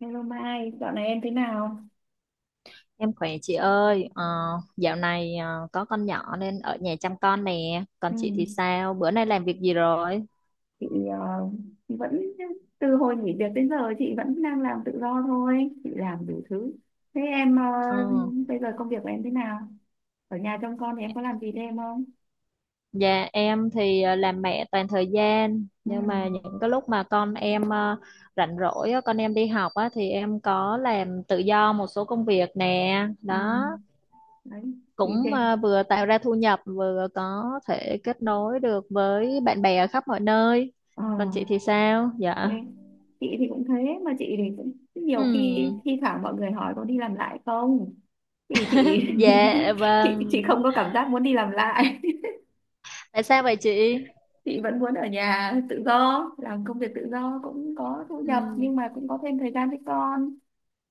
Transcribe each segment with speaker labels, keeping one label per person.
Speaker 1: Hello Mai, dạo này em thế nào?
Speaker 2: Em khỏe chị ơi, dạo này có con nhỏ nên ở nhà chăm con nè. Còn
Speaker 1: Ừ.
Speaker 2: chị thì sao? Bữa nay làm việc gì rồi?
Speaker 1: Chị ờ, vẫn từ hồi nghỉ việc đến giờ chị vẫn đang làm tự do thôi, chị làm đủ thứ. Thế em
Speaker 2: Ờ,
Speaker 1: bây giờ công việc của em thế nào? Ở nhà trông con thì em có làm gì thêm không?
Speaker 2: Dạ em thì làm mẹ toàn thời gian,
Speaker 1: Ừ.
Speaker 2: nhưng mà những cái lúc mà con em rảnh rỗi á, con em đi học á, thì em có làm tự do một số công việc nè,
Speaker 1: Ừ.
Speaker 2: đó
Speaker 1: Đấy, gì thế?
Speaker 2: cũng vừa tạo ra thu nhập, vừa có thể kết nối được với bạn bè ở khắp mọi nơi.
Speaker 1: Ờ,
Speaker 2: Còn chị thì sao?
Speaker 1: thế.
Speaker 2: Dạ.
Speaker 1: Chị thì cũng thế, mà chị thì cũng
Speaker 2: Ừ.
Speaker 1: nhiều khi thi thoảng mọi người hỏi có đi làm lại không? Thì chị
Speaker 2: Dạ vâng.
Speaker 1: chị không có cảm giác muốn đi làm lại.
Speaker 2: Tại sao vậy chị?
Speaker 1: Chị vẫn muốn ở nhà tự do, làm công việc tự do cũng có thu nhập
Speaker 2: Ừ,
Speaker 1: nhưng mà cũng có thêm thời gian với con,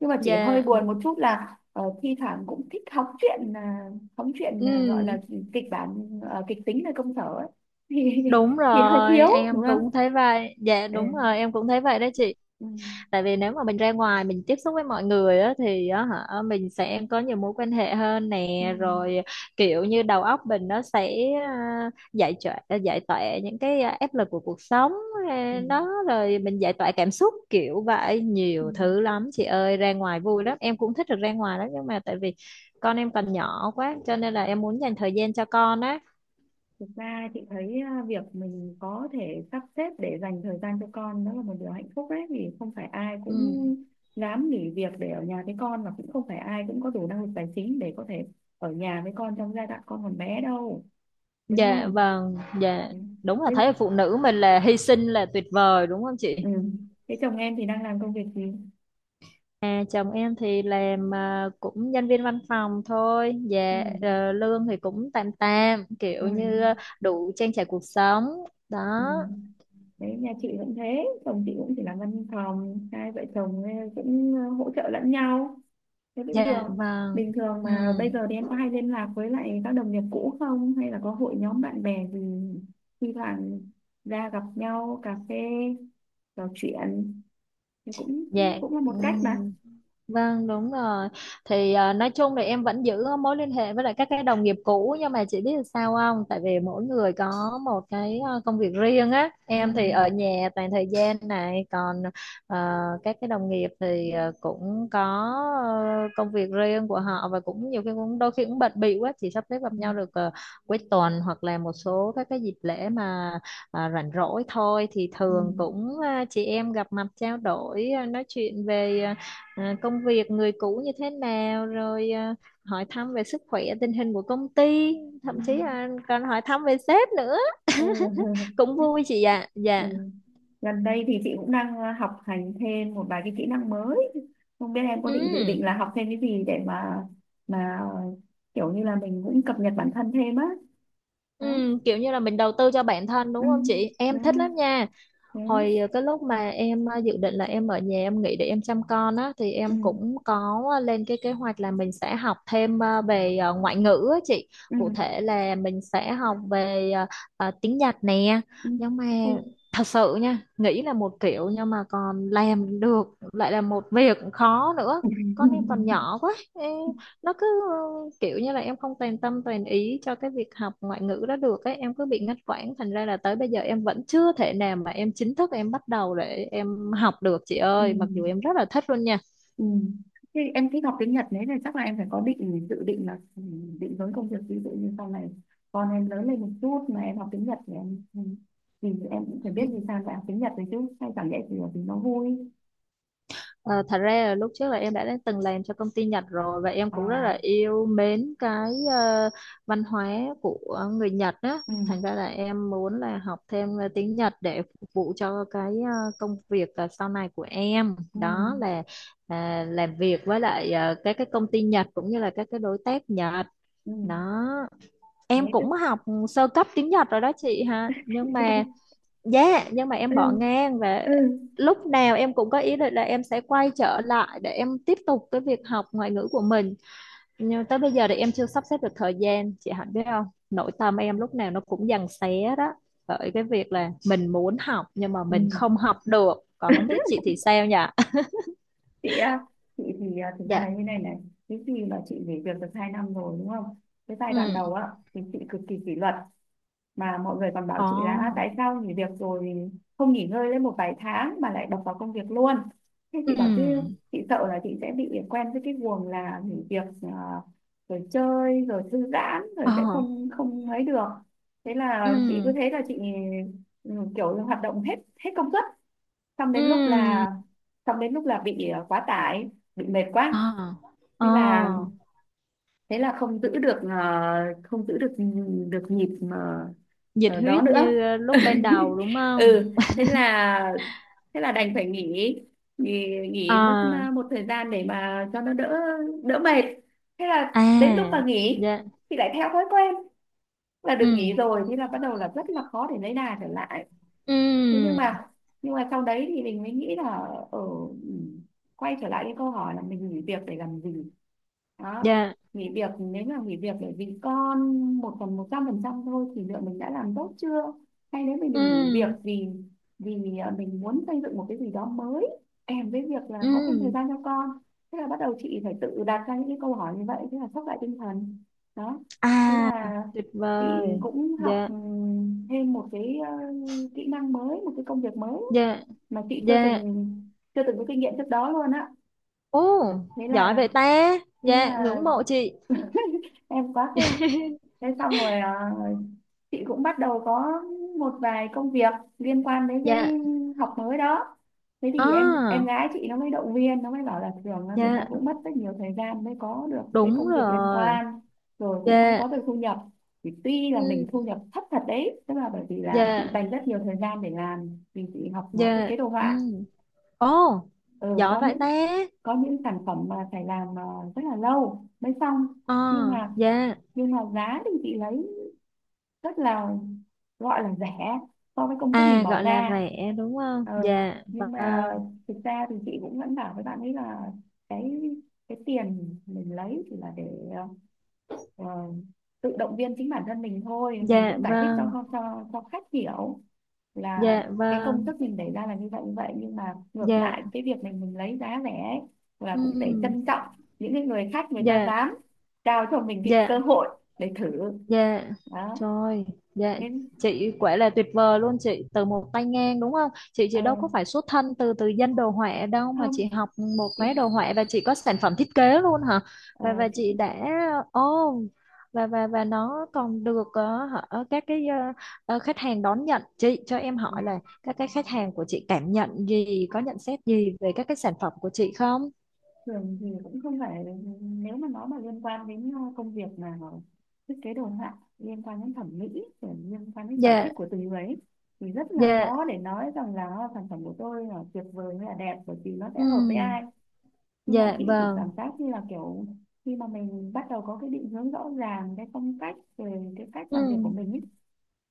Speaker 1: nhưng mà chỉ hơi
Speaker 2: dạ,
Speaker 1: buồn một chút là thi thoảng cũng thích hóng chuyện à, gọi là
Speaker 2: ừ,
Speaker 1: kịch bản kịch tính ở công sở ấy. thì
Speaker 2: đúng
Speaker 1: thì hơi
Speaker 2: rồi,
Speaker 1: thiếu đúng
Speaker 2: em cũng
Speaker 1: không?
Speaker 2: thấy vậy. Dạ,
Speaker 1: Ừ.
Speaker 2: đúng rồi, em cũng thấy vậy đó chị.
Speaker 1: Ừ.
Speaker 2: Tại vì nếu mà mình ra ngoài mình tiếp xúc với mọi người á thì á hả mình sẽ có nhiều mối quan hệ hơn
Speaker 1: Ừ.
Speaker 2: nè, rồi kiểu như đầu óc mình nó sẽ giải tỏa, những cái áp lực của cuộc sống,
Speaker 1: Ừ.
Speaker 2: đó rồi mình giải tỏa cảm xúc kiểu vậy,
Speaker 1: Ừ.
Speaker 2: nhiều thứ lắm chị ơi, ra ngoài vui lắm, em cũng thích được ra ngoài lắm, nhưng mà tại vì con em còn nhỏ quá cho nên là em muốn dành thời gian cho con á.
Speaker 1: Thực ra chị thấy à, việc mình có thể sắp xếp để dành thời gian cho con đó là một điều hạnh phúc đấy, vì không phải ai cũng
Speaker 2: Ừ.
Speaker 1: dám nghỉ việc để ở nhà với con, và cũng không phải ai cũng có đủ năng lực tài chính để có thể ở nhà với con trong giai đoạn con còn bé đâu, đúng
Speaker 2: Dạ
Speaker 1: không?
Speaker 2: vâng. Dạ.
Speaker 1: Ừ.
Speaker 2: Đúng là
Speaker 1: Thế,
Speaker 2: thấy là phụ nữ mình là hy sinh là tuyệt vời đúng không chị?
Speaker 1: ừ. Thế chồng em thì đang làm công việc gì?
Speaker 2: À, chồng em thì làm, cũng nhân viên văn phòng thôi.
Speaker 1: Ừ.
Speaker 2: Dạ, lương thì cũng tạm tạm,
Speaker 1: Ừ.
Speaker 2: kiểu như đủ trang trải cuộc sống đó.
Speaker 1: Ừ. Đấy, nhà chị cũng thế, chồng chị cũng chỉ làm văn phòng, hai vợ chồng cũng hỗ trợ lẫn nhau. Thế bình
Speaker 2: Dạ
Speaker 1: thường
Speaker 2: vâng,
Speaker 1: Bình thường
Speaker 2: ừ,
Speaker 1: mà bây giờ thì em có hay liên lạc với lại các đồng nghiệp cũ không, hay là có hội nhóm bạn bè gì thi thoảng ra gặp nhau cà phê trò chuyện thì cũng
Speaker 2: dạ,
Speaker 1: cũng là
Speaker 2: ừ.
Speaker 1: một cách mà.
Speaker 2: Vâng đúng rồi, thì nói chung là em vẫn giữ mối liên hệ với lại các cái đồng nghiệp cũ, nhưng mà chị biết là sao không, tại vì mỗi người có một cái công việc riêng á,
Speaker 1: Ừ.
Speaker 2: em thì ở nhà toàn thời gian này, còn các cái đồng nghiệp thì cũng có công việc riêng của họ và cũng nhiều khi cũng đôi khi cũng bận bịu quá, chỉ sắp xếp gặp
Speaker 1: Ừ.
Speaker 2: nhau được cuối tuần hoặc là một số các cái dịp lễ mà rảnh rỗi thôi, thì
Speaker 1: Ừ.
Speaker 2: thường cũng chị em gặp mặt trao đổi, nói chuyện về công việc người cũ như thế nào, rồi hỏi thăm về sức khỏe tình hình của công ty,
Speaker 1: Ừ.
Speaker 2: thậm chí là còn hỏi thăm về sếp nữa,
Speaker 1: Ừ.
Speaker 2: cũng vui chị ạ.
Speaker 1: Ừ.
Speaker 2: Dạ.
Speaker 1: Gần đây thì chị cũng đang học hành thêm một vài cái kỹ năng mới. Không biết em có dự định
Speaker 2: Ừ.
Speaker 1: là học thêm cái gì để mà kiểu như là mình cũng cập nhật bản thân thêm á. Đó.
Speaker 2: Ừ, kiểu như là mình đầu tư cho bản thân
Speaker 1: Ừ.
Speaker 2: đúng không chị,
Speaker 1: Đó.
Speaker 2: em thích lắm nha.
Speaker 1: Thế.
Speaker 2: Hồi cái lúc mà em dự định là em ở nhà em nghỉ để em chăm con á, thì em
Speaker 1: Ừ,
Speaker 2: cũng có lên cái kế hoạch là mình sẽ học thêm về ngoại ngữ á chị.
Speaker 1: ừ,
Speaker 2: Cụ thể là mình sẽ học về tiếng Nhật nè.
Speaker 1: ừ.
Speaker 2: Nhưng mà
Speaker 1: Ôi.
Speaker 2: thật sự nha, nghĩ là một kiểu nhưng mà còn làm được lại là một việc khó nữa. Con em còn nhỏ quá. Ê, nó cứ kiểu như là em không toàn tâm toàn ý cho cái việc học ngoại ngữ đó được ấy, em cứ bị ngắt quãng, thành ra là tới bây giờ em vẫn chưa thể nào mà em chính thức em bắt đầu để em học được chị
Speaker 1: Ừ,
Speaker 2: ơi, mặc
Speaker 1: ừ.
Speaker 2: dù em rất là thích luôn nha.
Speaker 1: Ừ. Thế em thích học tiếng Nhật đấy thì chắc là em phải có dự định là ừ, định hướng công việc, ví dụ như sau này con em lớn lên một chút mà em học tiếng Nhật thì em ừ, thì em cũng phải biết vì sao lại học tiếng Nhật đấy chứ, hay chẳng lẽ chỉ là vì nó vui?
Speaker 2: Ờ, Thật ra là lúc trước là em đã từng làm cho công ty Nhật rồi, và em cũng rất
Speaker 1: À,
Speaker 2: là yêu mến cái văn hóa của người Nhật á.
Speaker 1: ừ,
Speaker 2: Thành ra là em muốn là học thêm tiếng Nhật để phục vụ cho cái công việc sau này của em.
Speaker 1: ừ,
Speaker 2: Đó là làm việc với lại các cái công ty Nhật cũng như là các cái đối tác Nhật.
Speaker 1: ừ,
Speaker 2: Đó.
Speaker 1: thế
Speaker 2: Em
Speaker 1: tức.
Speaker 2: cũng học sơ cấp tiếng Nhật rồi đó chị ha. Nhưng mà Dạ, nhưng mà em
Speaker 1: Ừ,
Speaker 2: bỏ ngang, và
Speaker 1: ừ,
Speaker 2: lúc nào em cũng có ý định là em sẽ quay trở lại để em tiếp tục cái việc học ngoại ngữ của mình. Nhưng tới bây giờ thì em chưa sắp xếp được thời gian, chị Hạnh biết không? Nội tâm em lúc nào nó cũng giằng xé đó. Bởi cái việc là mình muốn học nhưng mà mình
Speaker 1: ừ.
Speaker 2: không học được. Còn không biết chị thì sao nhỉ?
Speaker 1: Chị á, chị thì à, thực ra
Speaker 2: Dạ.
Speaker 1: là như này này, cái gì mà chị nghỉ việc được 2 năm rồi đúng không? Cái giai đoạn
Speaker 2: Ừ.
Speaker 1: đầu á thì chị cực kỳ kỷ luật, mà mọi người còn bảo chị là "À,
Speaker 2: Ồ.
Speaker 1: tại sao nghỉ việc rồi thì không nghỉ ngơi lên một vài tháng mà lại đập vào công việc luôn?" Thế
Speaker 2: Ừ.
Speaker 1: chị bảo chứ chị sợ là chị sẽ bị quen với cái guồng là nghỉ việc à, rồi chơi rồi thư giãn rồi sẽ
Speaker 2: Ờ.
Speaker 1: không không ấy được. Thế
Speaker 2: Ừ.
Speaker 1: là chị cứ thế là chị ừ, kiểu là hoạt động hết hết công suất, xong đến lúc
Speaker 2: Ừ.
Speaker 1: là xong đến lúc là bị quá tải, bị mệt quá.
Speaker 2: Ờ. Ờ.
Speaker 1: Thế là thế là không giữ được không giữ được được nhịp mà,
Speaker 2: Nhiệt
Speaker 1: ờ, đó
Speaker 2: huyết
Speaker 1: nữa.
Speaker 2: như lúc ban đầu đúng không?
Speaker 1: Ừ, thế là thế là đành phải nghỉ, nghỉ,
Speaker 2: Ờ.
Speaker 1: nghỉ mất một thời gian để mà cho nó đỡ, đỡ mệt. Thế là đến lúc
Speaker 2: À,
Speaker 1: mà nghỉ
Speaker 2: dạ,
Speaker 1: thì lại theo thói quen là
Speaker 2: ừ,
Speaker 1: được nghỉ rồi, thế là bắt đầu là rất là khó để lấy đà trở lại. Thế
Speaker 2: ừ,
Speaker 1: nhưng mà sau đấy thì mình mới nghĩ là ở quay trở lại cái câu hỏi là mình nghỉ việc để làm gì đó.
Speaker 2: dạ,
Speaker 1: Nghỉ việc, nếu mà nghỉ việc để vì con một phần 100% thôi thì liệu mình đã làm tốt chưa, hay nếu mình nghỉ việc
Speaker 2: ừ,
Speaker 1: vì vì à, mình muốn xây dựng một cái gì đó mới kèm với việc là
Speaker 2: ừ,
Speaker 1: có thêm thời gian cho con. Thế là bắt đầu chị phải tự đặt ra những cái câu hỏi như vậy, thế là sốc lại tinh thần đó. Thế
Speaker 2: à,
Speaker 1: là
Speaker 2: tuyệt
Speaker 1: chị
Speaker 2: vời,
Speaker 1: cũng học
Speaker 2: dạ,
Speaker 1: ừ, thêm một cái kỹ năng mới, một cái công việc mới
Speaker 2: dạ,
Speaker 1: mà chị chưa
Speaker 2: dạ,
Speaker 1: từng chưa từng có kinh nghiệm trước đó luôn á.
Speaker 2: ô,
Speaker 1: Thế
Speaker 2: giỏi
Speaker 1: là
Speaker 2: vậy ta,
Speaker 1: thế
Speaker 2: dạ,
Speaker 1: là
Speaker 2: ngưỡng mộ chị.
Speaker 1: em quá khen. Thế xong rồi à, chị cũng bắt đầu có một vài công việc liên quan đến cái
Speaker 2: Dạ,
Speaker 1: học mới đó. Thế thì em
Speaker 2: à,
Speaker 1: gái chị nó mới động viên, nó mới bảo là thường là người
Speaker 2: dạ,
Speaker 1: ta cũng mất rất nhiều thời gian mới có được cái
Speaker 2: đúng
Speaker 1: công việc liên
Speaker 2: rồi,
Speaker 1: quan rồi cũng mới
Speaker 2: dạ,
Speaker 1: có được thu nhập, thì tuy là mình thu
Speaker 2: ừ,
Speaker 1: nhập thấp thật đấy, tức là bởi vì là
Speaker 2: dạ,
Speaker 1: chị dành rất nhiều thời gian để làm, vì chị học à, thiết kế
Speaker 2: dạ,
Speaker 1: đồ
Speaker 2: ừ,
Speaker 1: họa,
Speaker 2: ồ,
Speaker 1: ừ,
Speaker 2: giỏi vậy ta,
Speaker 1: có những sản phẩm mà phải làm à, rất là lâu mới xong, nhưng
Speaker 2: à,
Speaker 1: mà
Speaker 2: dạ,
Speaker 1: nhưng mà giá thì chị lấy rất là gọi là rẻ so với công sức mình
Speaker 2: à,
Speaker 1: bỏ
Speaker 2: gọi là
Speaker 1: ra.
Speaker 2: rẻ đúng không,
Speaker 1: Ờ,
Speaker 2: dạ,
Speaker 1: nhưng mà
Speaker 2: vâng,
Speaker 1: thực ra thì chị cũng vẫn bảo với bạn ấy là cái cái tiền mình lấy chỉ là để ờ, tự động viên chính bản thân mình thôi. Mình
Speaker 2: dạ,
Speaker 1: cũng giải thích
Speaker 2: vâng,
Speaker 1: cho cho khách hiểu là
Speaker 2: dạ,
Speaker 1: cái công
Speaker 2: vâng,
Speaker 1: sức mình để ra là như vậy như vậy, nhưng mà ngược lại
Speaker 2: dạ.
Speaker 1: cái việc mình lấy giá rẻ ấy, là cũng để
Speaker 2: Ừm,
Speaker 1: trân trọng những cái người khách người ta
Speaker 2: dạ,
Speaker 1: dám trao cho mình cái cơ
Speaker 2: dạ,
Speaker 1: hội để thử
Speaker 2: dạ,
Speaker 1: đó.
Speaker 2: trời, dạ,
Speaker 1: Thế
Speaker 2: chị quả là tuyệt vời luôn, chị từ một tay ngang đúng không chị
Speaker 1: ờ,
Speaker 2: đâu có phải xuất thân từ từ dân đồ họa đâu, mà
Speaker 1: không
Speaker 2: chị học một
Speaker 1: chị
Speaker 2: khóa
Speaker 1: ạ.
Speaker 2: đồ họa và chị có sản phẩm thiết kế luôn hả?
Speaker 1: Ờ,
Speaker 2: Và
Speaker 1: chị
Speaker 2: chị đã, ô, và nó còn được hả, các cái khách hàng đón nhận. Chị cho em
Speaker 1: ừ,
Speaker 2: hỏi là các cái khách hàng của chị cảm nhận gì, có nhận xét gì về các cái sản phẩm của chị không?
Speaker 1: thường thì cũng không phải, nếu mà nó mà liên quan đến công việc mà thiết kế đồ họa liên quan đến thẩm mỹ rồi liên quan đến sở
Speaker 2: Dạ.
Speaker 1: thích của từng người ấy, thì rất là
Speaker 2: Dạ.
Speaker 1: khó để nói rằng là sản phẩm của tôi là tuyệt vời hay là đẹp, bởi vì nó sẽ hợp với
Speaker 2: Ừm,
Speaker 1: ai. Nhưng mà
Speaker 2: dạ
Speaker 1: chị thì cảm
Speaker 2: vâng.
Speaker 1: giác như là kiểu khi mà mình bắt đầu có cái định hướng rõ ràng cái phong cách về cái cách
Speaker 2: Ừ.
Speaker 1: làm việc của mình ấy,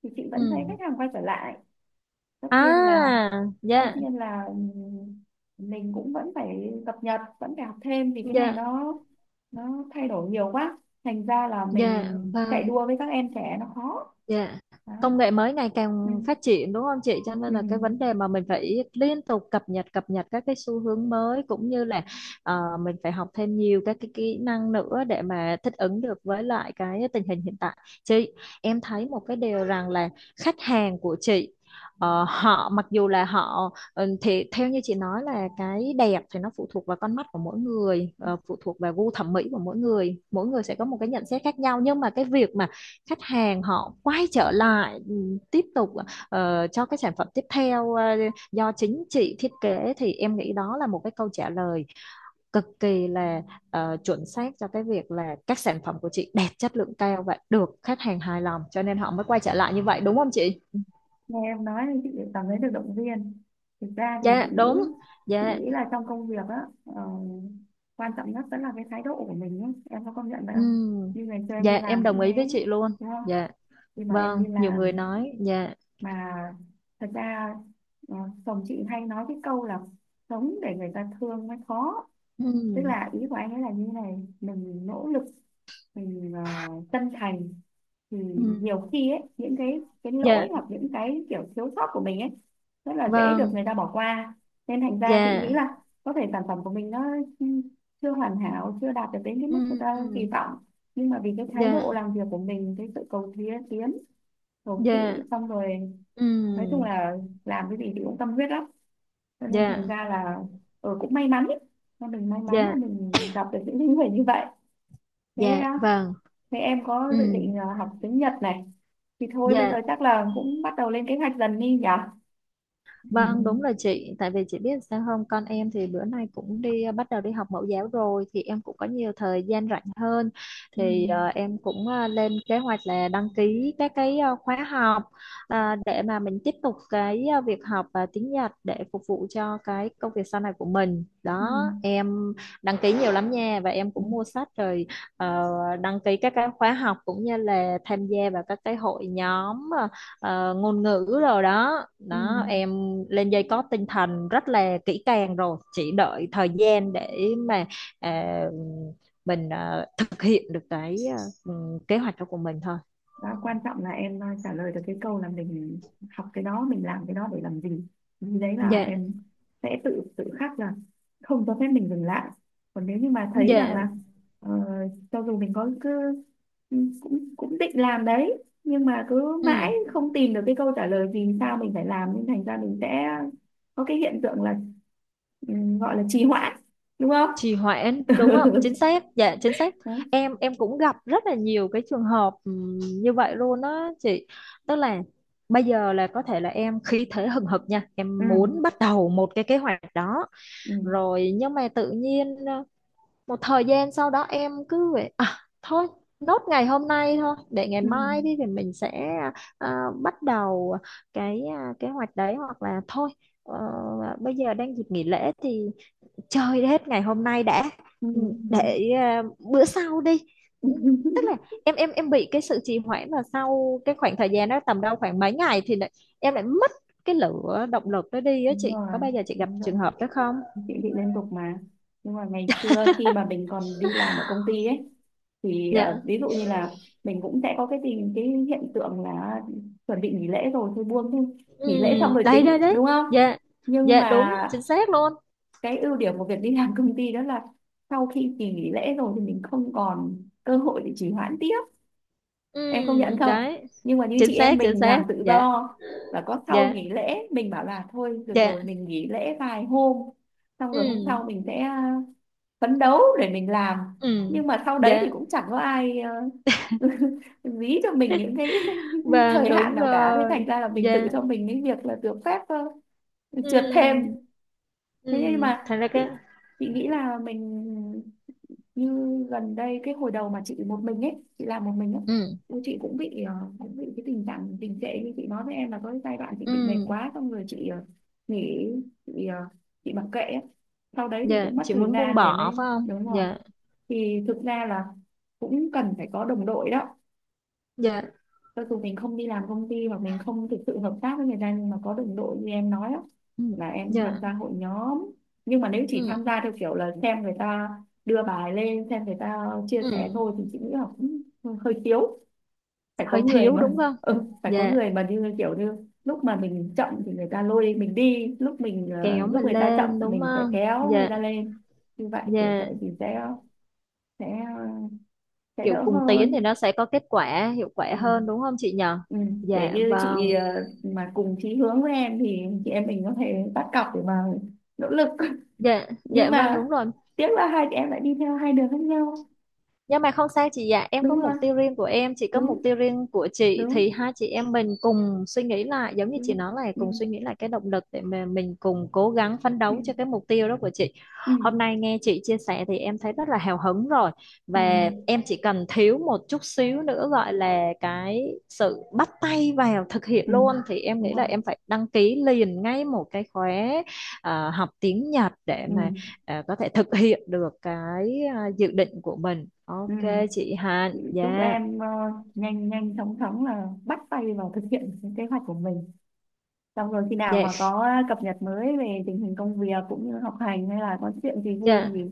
Speaker 1: thì chị vẫn thấy
Speaker 2: Ừ.
Speaker 1: khách hàng quay trở lại. Tất nhiên là
Speaker 2: À.
Speaker 1: tất
Speaker 2: Dạ.
Speaker 1: nhiên là ừ, mình cũng vẫn phải cập nhật, vẫn phải học thêm vì cái này
Speaker 2: Dạ.
Speaker 1: nó thay đổi nhiều quá, thành ra là
Speaker 2: Dạ
Speaker 1: mình chạy
Speaker 2: vâng.
Speaker 1: đua với các em trẻ nó khó
Speaker 2: Dạ.
Speaker 1: đó.
Speaker 2: Công nghệ mới ngày
Speaker 1: Ừ.
Speaker 2: càng phát triển đúng không chị? Cho
Speaker 1: Ừ.
Speaker 2: nên là cái vấn đề mà mình phải liên tục cập nhật các cái xu hướng mới, cũng như là mình phải học thêm nhiều các cái kỹ năng nữa để mà thích ứng được với lại cái tình hình hiện tại. Chị, em thấy một cái điều rằng là khách hàng của chị, họ mặc dù là họ, thì theo như chị nói là cái đẹp thì nó phụ thuộc vào con mắt của mỗi người, phụ thuộc vào gu thẩm mỹ của mỗi người sẽ có một cái nhận xét khác nhau, nhưng mà cái việc mà khách hàng họ quay trở lại, tiếp tục cho cái sản phẩm tiếp theo do chính chị thiết kế, thì em nghĩ đó là một cái câu trả lời cực kỳ là chuẩn xác cho cái việc là các sản phẩm của chị đẹp, chất lượng cao và được khách hàng hài lòng, cho nên họ mới quay trở lại như vậy đúng không chị?
Speaker 1: Nghe em nói thì chị cảm thấy được động viên. Thực ra thì
Speaker 2: Dạ đúng.
Speaker 1: chị
Speaker 2: Dạ.
Speaker 1: nghĩ là trong công việc á quan trọng nhất vẫn là cái thái độ của mình ấy. Em có công nhận vậy không?
Speaker 2: Ừm.
Speaker 1: Như ngày xưa em
Speaker 2: Dạ
Speaker 1: đi
Speaker 2: em
Speaker 1: làm cũng
Speaker 2: đồng
Speaker 1: thế,
Speaker 2: ý với chị luôn.
Speaker 1: đúng không,
Speaker 2: Dạ.
Speaker 1: khi mà em
Speaker 2: Vâng,
Speaker 1: đi
Speaker 2: nhiều người
Speaker 1: làm
Speaker 2: nói, dạ.
Speaker 1: mà thật ra ờ, chồng chị hay nói cái câu là sống để người ta thương mới khó. Tức
Speaker 2: Ừm.
Speaker 1: là ý của anh ấy là như này, mình nỗ lực, mình chân thành thì
Speaker 2: Ừm.
Speaker 1: nhiều khi ấy những cái lỗi
Speaker 2: Dạ.
Speaker 1: hoặc những cái kiểu thiếu sót của mình ấy rất là dễ được
Speaker 2: Vâng.
Speaker 1: người ta bỏ qua. Nên thành ra chị
Speaker 2: Dạ.
Speaker 1: nghĩ là có thể sản phẩm của mình nó chưa hoàn hảo, chưa đạt được đến cái mức người
Speaker 2: Ừm.
Speaker 1: ta kỳ
Speaker 2: Ừm.
Speaker 1: vọng, nhưng mà vì cái thái
Speaker 2: Dạ.
Speaker 1: độ làm việc của mình, cái sự cầu tiến tiến, cầu
Speaker 2: Dạ.
Speaker 1: thị, xong rồi
Speaker 2: Ừ,
Speaker 1: nói chung là làm cái gì thì cũng tâm huyết lắm, cho nên thành
Speaker 2: dạ,
Speaker 1: ra là ừ, cũng may mắn ấy. Mà mình may mắn
Speaker 2: dạ,
Speaker 1: là mình gặp được những cái người như vậy. Thế
Speaker 2: dạ,
Speaker 1: à,
Speaker 2: vâng,
Speaker 1: thế em có
Speaker 2: ừ,
Speaker 1: dự định à, học tiếng Nhật này thì thôi bây giờ
Speaker 2: dạ.
Speaker 1: chắc là cũng bắt đầu lên kế hoạch dần đi nhỉ.
Speaker 2: Vâng, đúng là chị, tại vì chị biết sao không, con em thì bữa nay cũng đi, bắt đầu đi học mẫu giáo rồi thì em cũng có nhiều thời gian rảnh hơn,
Speaker 1: Ừ.
Speaker 2: thì
Speaker 1: Ừ.
Speaker 2: em cũng lên kế hoạch là đăng ký các cái khóa học để mà mình tiếp tục cái việc học tiếng Nhật để phục vụ cho cái công việc sau này của mình. Đó, em đăng ký nhiều lắm nha, và em
Speaker 1: Ừ.
Speaker 2: cũng mua sách rồi, ờ, đăng ký các cái khóa học cũng như là tham gia vào các cái hội nhóm ngôn ngữ rồi đó,
Speaker 1: Ừ.
Speaker 2: đó em lên dây cót tinh thần rất là kỹ càng rồi, chỉ đợi thời gian để mà à, mình thực hiện được cái ừ, kế hoạch đó của mình thôi.
Speaker 1: Đó quan trọng là em trả lời được cái câu là mình học cái đó mình làm cái đó để làm gì. Vì đấy là
Speaker 2: Dạ.
Speaker 1: em sẽ tự tự khắc là không cho phép mình dừng lại. Còn nếu như mà thấy rằng
Speaker 2: Dạ.
Speaker 1: là ờ, cho dù mình có cứ ừ, cũng cũng định làm đấy, nhưng mà cứ mãi
Speaker 2: Ừ.
Speaker 1: không tìm được cái câu trả lời vì sao mình phải làm, nên thành ra mình sẽ có cái hiện tượng là ừ, gọi là trì hoãn, đúng không?
Speaker 2: Trì hoãn đúng không, chính xác, dạ, chính xác.
Speaker 1: Đấy.
Speaker 2: Em cũng gặp rất là nhiều cái trường hợp, như vậy luôn đó chị. Tức là bây giờ là có thể là em khí thế hừng hực nha,
Speaker 1: Ừ.
Speaker 2: em muốn bắt đầu một cái kế hoạch đó
Speaker 1: Ừ.
Speaker 2: rồi, nhưng mà tự nhiên một thời gian sau đó em cứ vậy à, thôi, nốt ngày hôm nay thôi, để ngày
Speaker 1: Ừ.
Speaker 2: mai đi thì mình sẽ bắt đầu cái kế hoạch đấy, hoặc là thôi ờ, bây giờ đang dịp nghỉ lễ thì chơi hết ngày hôm nay đã.
Speaker 1: Ừ.
Speaker 2: Ừ, để bữa sau đi. Ừ, tức là em bị cái sự trì hoãn, và sau cái khoảng thời gian đó tầm đâu khoảng mấy ngày thì lại, em lại mất cái lửa động lực đó đi á,
Speaker 1: Đúng
Speaker 2: chị
Speaker 1: rồi,
Speaker 2: có bao giờ chị gặp
Speaker 1: đúng rồi,
Speaker 2: trường hợp đó không?
Speaker 1: chị bị liên tục mà. Nhưng mà ngày xưa khi mà mình còn đi làm ở công ty ấy thì à,
Speaker 2: Dạ,
Speaker 1: ví dụ như là mình cũng sẽ có cái tình cái hiện tượng là chuẩn bị nghỉ lễ rồi thôi buông thôi,
Speaker 2: ừ,
Speaker 1: nghỉ lễ xong rồi
Speaker 2: đấy, đấy,
Speaker 1: tính,
Speaker 2: đấy,
Speaker 1: đúng không?
Speaker 2: dạ,
Speaker 1: Nhưng
Speaker 2: dạ, đúng
Speaker 1: mà
Speaker 2: chính xác luôn,
Speaker 1: cái ưu điểm của việc đi làm công ty đó là sau khi kỳ nghỉ lễ rồi thì mình không còn cơ hội để trì hoãn tiếp,
Speaker 2: ừ,
Speaker 1: em công nhận không?
Speaker 2: đấy,
Speaker 1: Nhưng mà như
Speaker 2: chính
Speaker 1: chị em
Speaker 2: xác, chính
Speaker 1: mình
Speaker 2: xác,
Speaker 1: làm tự
Speaker 2: dạ,
Speaker 1: do và có sau
Speaker 2: dạ,
Speaker 1: nghỉ lễ mình bảo là thôi được
Speaker 2: dạ,
Speaker 1: rồi mình nghỉ lễ vài hôm, xong rồi hôm
Speaker 2: ừ,
Speaker 1: sau mình sẽ phấn đấu để mình làm.
Speaker 2: ừ,
Speaker 1: Nhưng mà sau đấy
Speaker 2: dạ
Speaker 1: thì cũng chẳng có ai dí cho mình những cái
Speaker 2: vâng
Speaker 1: thời hạn
Speaker 2: đúng
Speaker 1: nào cả, thế
Speaker 2: rồi,
Speaker 1: thành ra là mình tự
Speaker 2: dạ,
Speaker 1: cho mình cái việc là được phép trượt thêm.
Speaker 2: ừ,
Speaker 1: Thế
Speaker 2: ừ,
Speaker 1: nhưng mà
Speaker 2: thành ra cái,
Speaker 1: chị nghĩ là mình như gần đây cái hồi đầu mà chị một mình ấy, chị làm một mình ấy,
Speaker 2: ừ,
Speaker 1: ôi, chị cũng bị cũng bị cái tình trạng tình trệ như chị nói với em là có cái giai đoạn chị bị mệt
Speaker 2: ừ,
Speaker 1: quá, xong rồi chị nghỉ, chị chị mặc kệ ấy. Sau đấy thì
Speaker 2: dạ,
Speaker 1: cũng mất
Speaker 2: chị
Speaker 1: thời
Speaker 2: muốn buông
Speaker 1: gian để mới
Speaker 2: bỏ phải không,
Speaker 1: đúng rồi.
Speaker 2: dạ,
Speaker 1: Thì thực ra là cũng cần phải có đồng đội đó.
Speaker 2: dạ,
Speaker 1: Cho dù mình không đi làm công ty hoặc mình không thực sự hợp tác với người ta, nhưng mà có đồng đội như em nói đó,
Speaker 2: ừ,
Speaker 1: là em tham
Speaker 2: dạ,
Speaker 1: gia hội nhóm, nhưng mà nếu chỉ
Speaker 2: ừ,
Speaker 1: tham gia theo kiểu là xem người ta đưa bài lên, xem người ta chia
Speaker 2: ừ.
Speaker 1: sẻ thôi, thì chị nghĩ là cũng hơi thiếu. Phải có
Speaker 2: Hơi
Speaker 1: người
Speaker 2: thiếu
Speaker 1: mà
Speaker 2: đúng không,
Speaker 1: ừ, phải có
Speaker 2: dạ,
Speaker 1: người mà như kiểu như lúc mà mình chậm thì người ta lôi mình đi, lúc mình
Speaker 2: kéo
Speaker 1: lúc
Speaker 2: mình
Speaker 1: người ta chậm
Speaker 2: lên đúng
Speaker 1: mình sẽ
Speaker 2: không,
Speaker 1: kéo người
Speaker 2: dạ,
Speaker 1: ta lên, như vậy kiểu vậy
Speaker 2: dạ,
Speaker 1: thì sẽ sẽ sẽ
Speaker 2: kiểu
Speaker 1: đỡ
Speaker 2: cùng tiến thì
Speaker 1: hơn.
Speaker 2: nó sẽ có kết quả hiệu quả
Speaker 1: Ừ.
Speaker 2: hơn đúng không chị nhờ,
Speaker 1: Ừ. Kể
Speaker 2: dạ
Speaker 1: như chị
Speaker 2: vâng,
Speaker 1: mà cùng chí hướng với em thì chị em mình có thể bắt cặp để mà nỗ lực.
Speaker 2: dạ,
Speaker 1: Nhưng
Speaker 2: dạ vâng
Speaker 1: mà
Speaker 2: đúng rồi.
Speaker 1: tiếc là hai chị em lại đi theo hai đường khác nhau,
Speaker 2: Nhưng mà không sao chị ạ, em
Speaker 1: đúng
Speaker 2: có mục
Speaker 1: không?
Speaker 2: tiêu riêng của em, chị có mục
Speaker 1: Đúng,
Speaker 2: tiêu riêng của chị,
Speaker 1: đúng,
Speaker 2: thì hai chị em mình cùng suy nghĩ lại, giống như chị
Speaker 1: đúng.
Speaker 2: nói là
Speaker 1: Ừ.
Speaker 2: cùng
Speaker 1: Ừ.
Speaker 2: suy nghĩ lại cái động lực để mà mình cùng cố gắng phấn
Speaker 1: Ừ.
Speaker 2: đấu cho cái mục tiêu đó của chị.
Speaker 1: Ừ.
Speaker 2: Hôm nay nghe chị chia sẻ thì em thấy rất là hào hứng rồi,
Speaker 1: Ừ.
Speaker 2: và em chỉ cần thiếu một chút xíu nữa, gọi là cái sự bắt tay vào thực hiện
Speaker 1: Ừ.
Speaker 2: luôn, thì em
Speaker 1: Đúng
Speaker 2: nghĩ là
Speaker 1: rồi.
Speaker 2: em phải đăng ký liền ngay một cái khóa học tiếng Nhật để
Speaker 1: Ừ.
Speaker 2: mà có thể thực hiện được cái dự định của mình,
Speaker 1: Ừ.
Speaker 2: ok chị Hạnh.
Speaker 1: Chị chúc
Speaker 2: Dạ,
Speaker 1: em nhanh nhanh chóng chóng là bắt tay vào thực hiện cái kế hoạch của mình. Xong rồi khi nào mà
Speaker 2: dạ,
Speaker 1: có cập nhật mới về tình hình công việc cũng như học hành, hay là có chuyện gì vui
Speaker 2: dạ,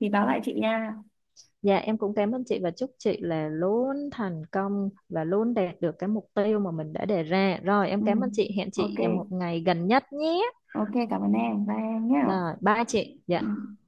Speaker 1: thì báo lại chị nha.
Speaker 2: dạ, em cũng cảm ơn chị, và chúc chị là luôn thành công và luôn đạt được cái mục tiêu mà mình đã đề ra. Rồi em
Speaker 1: Ừ.
Speaker 2: cảm ơn chị, hẹn
Speaker 1: Ok,
Speaker 2: chị vào một ngày gần nhất nhé.
Speaker 1: ok cảm ơn em, bye em nhé.
Speaker 2: Rồi, bye chị, dạ.
Speaker 1: Ừ.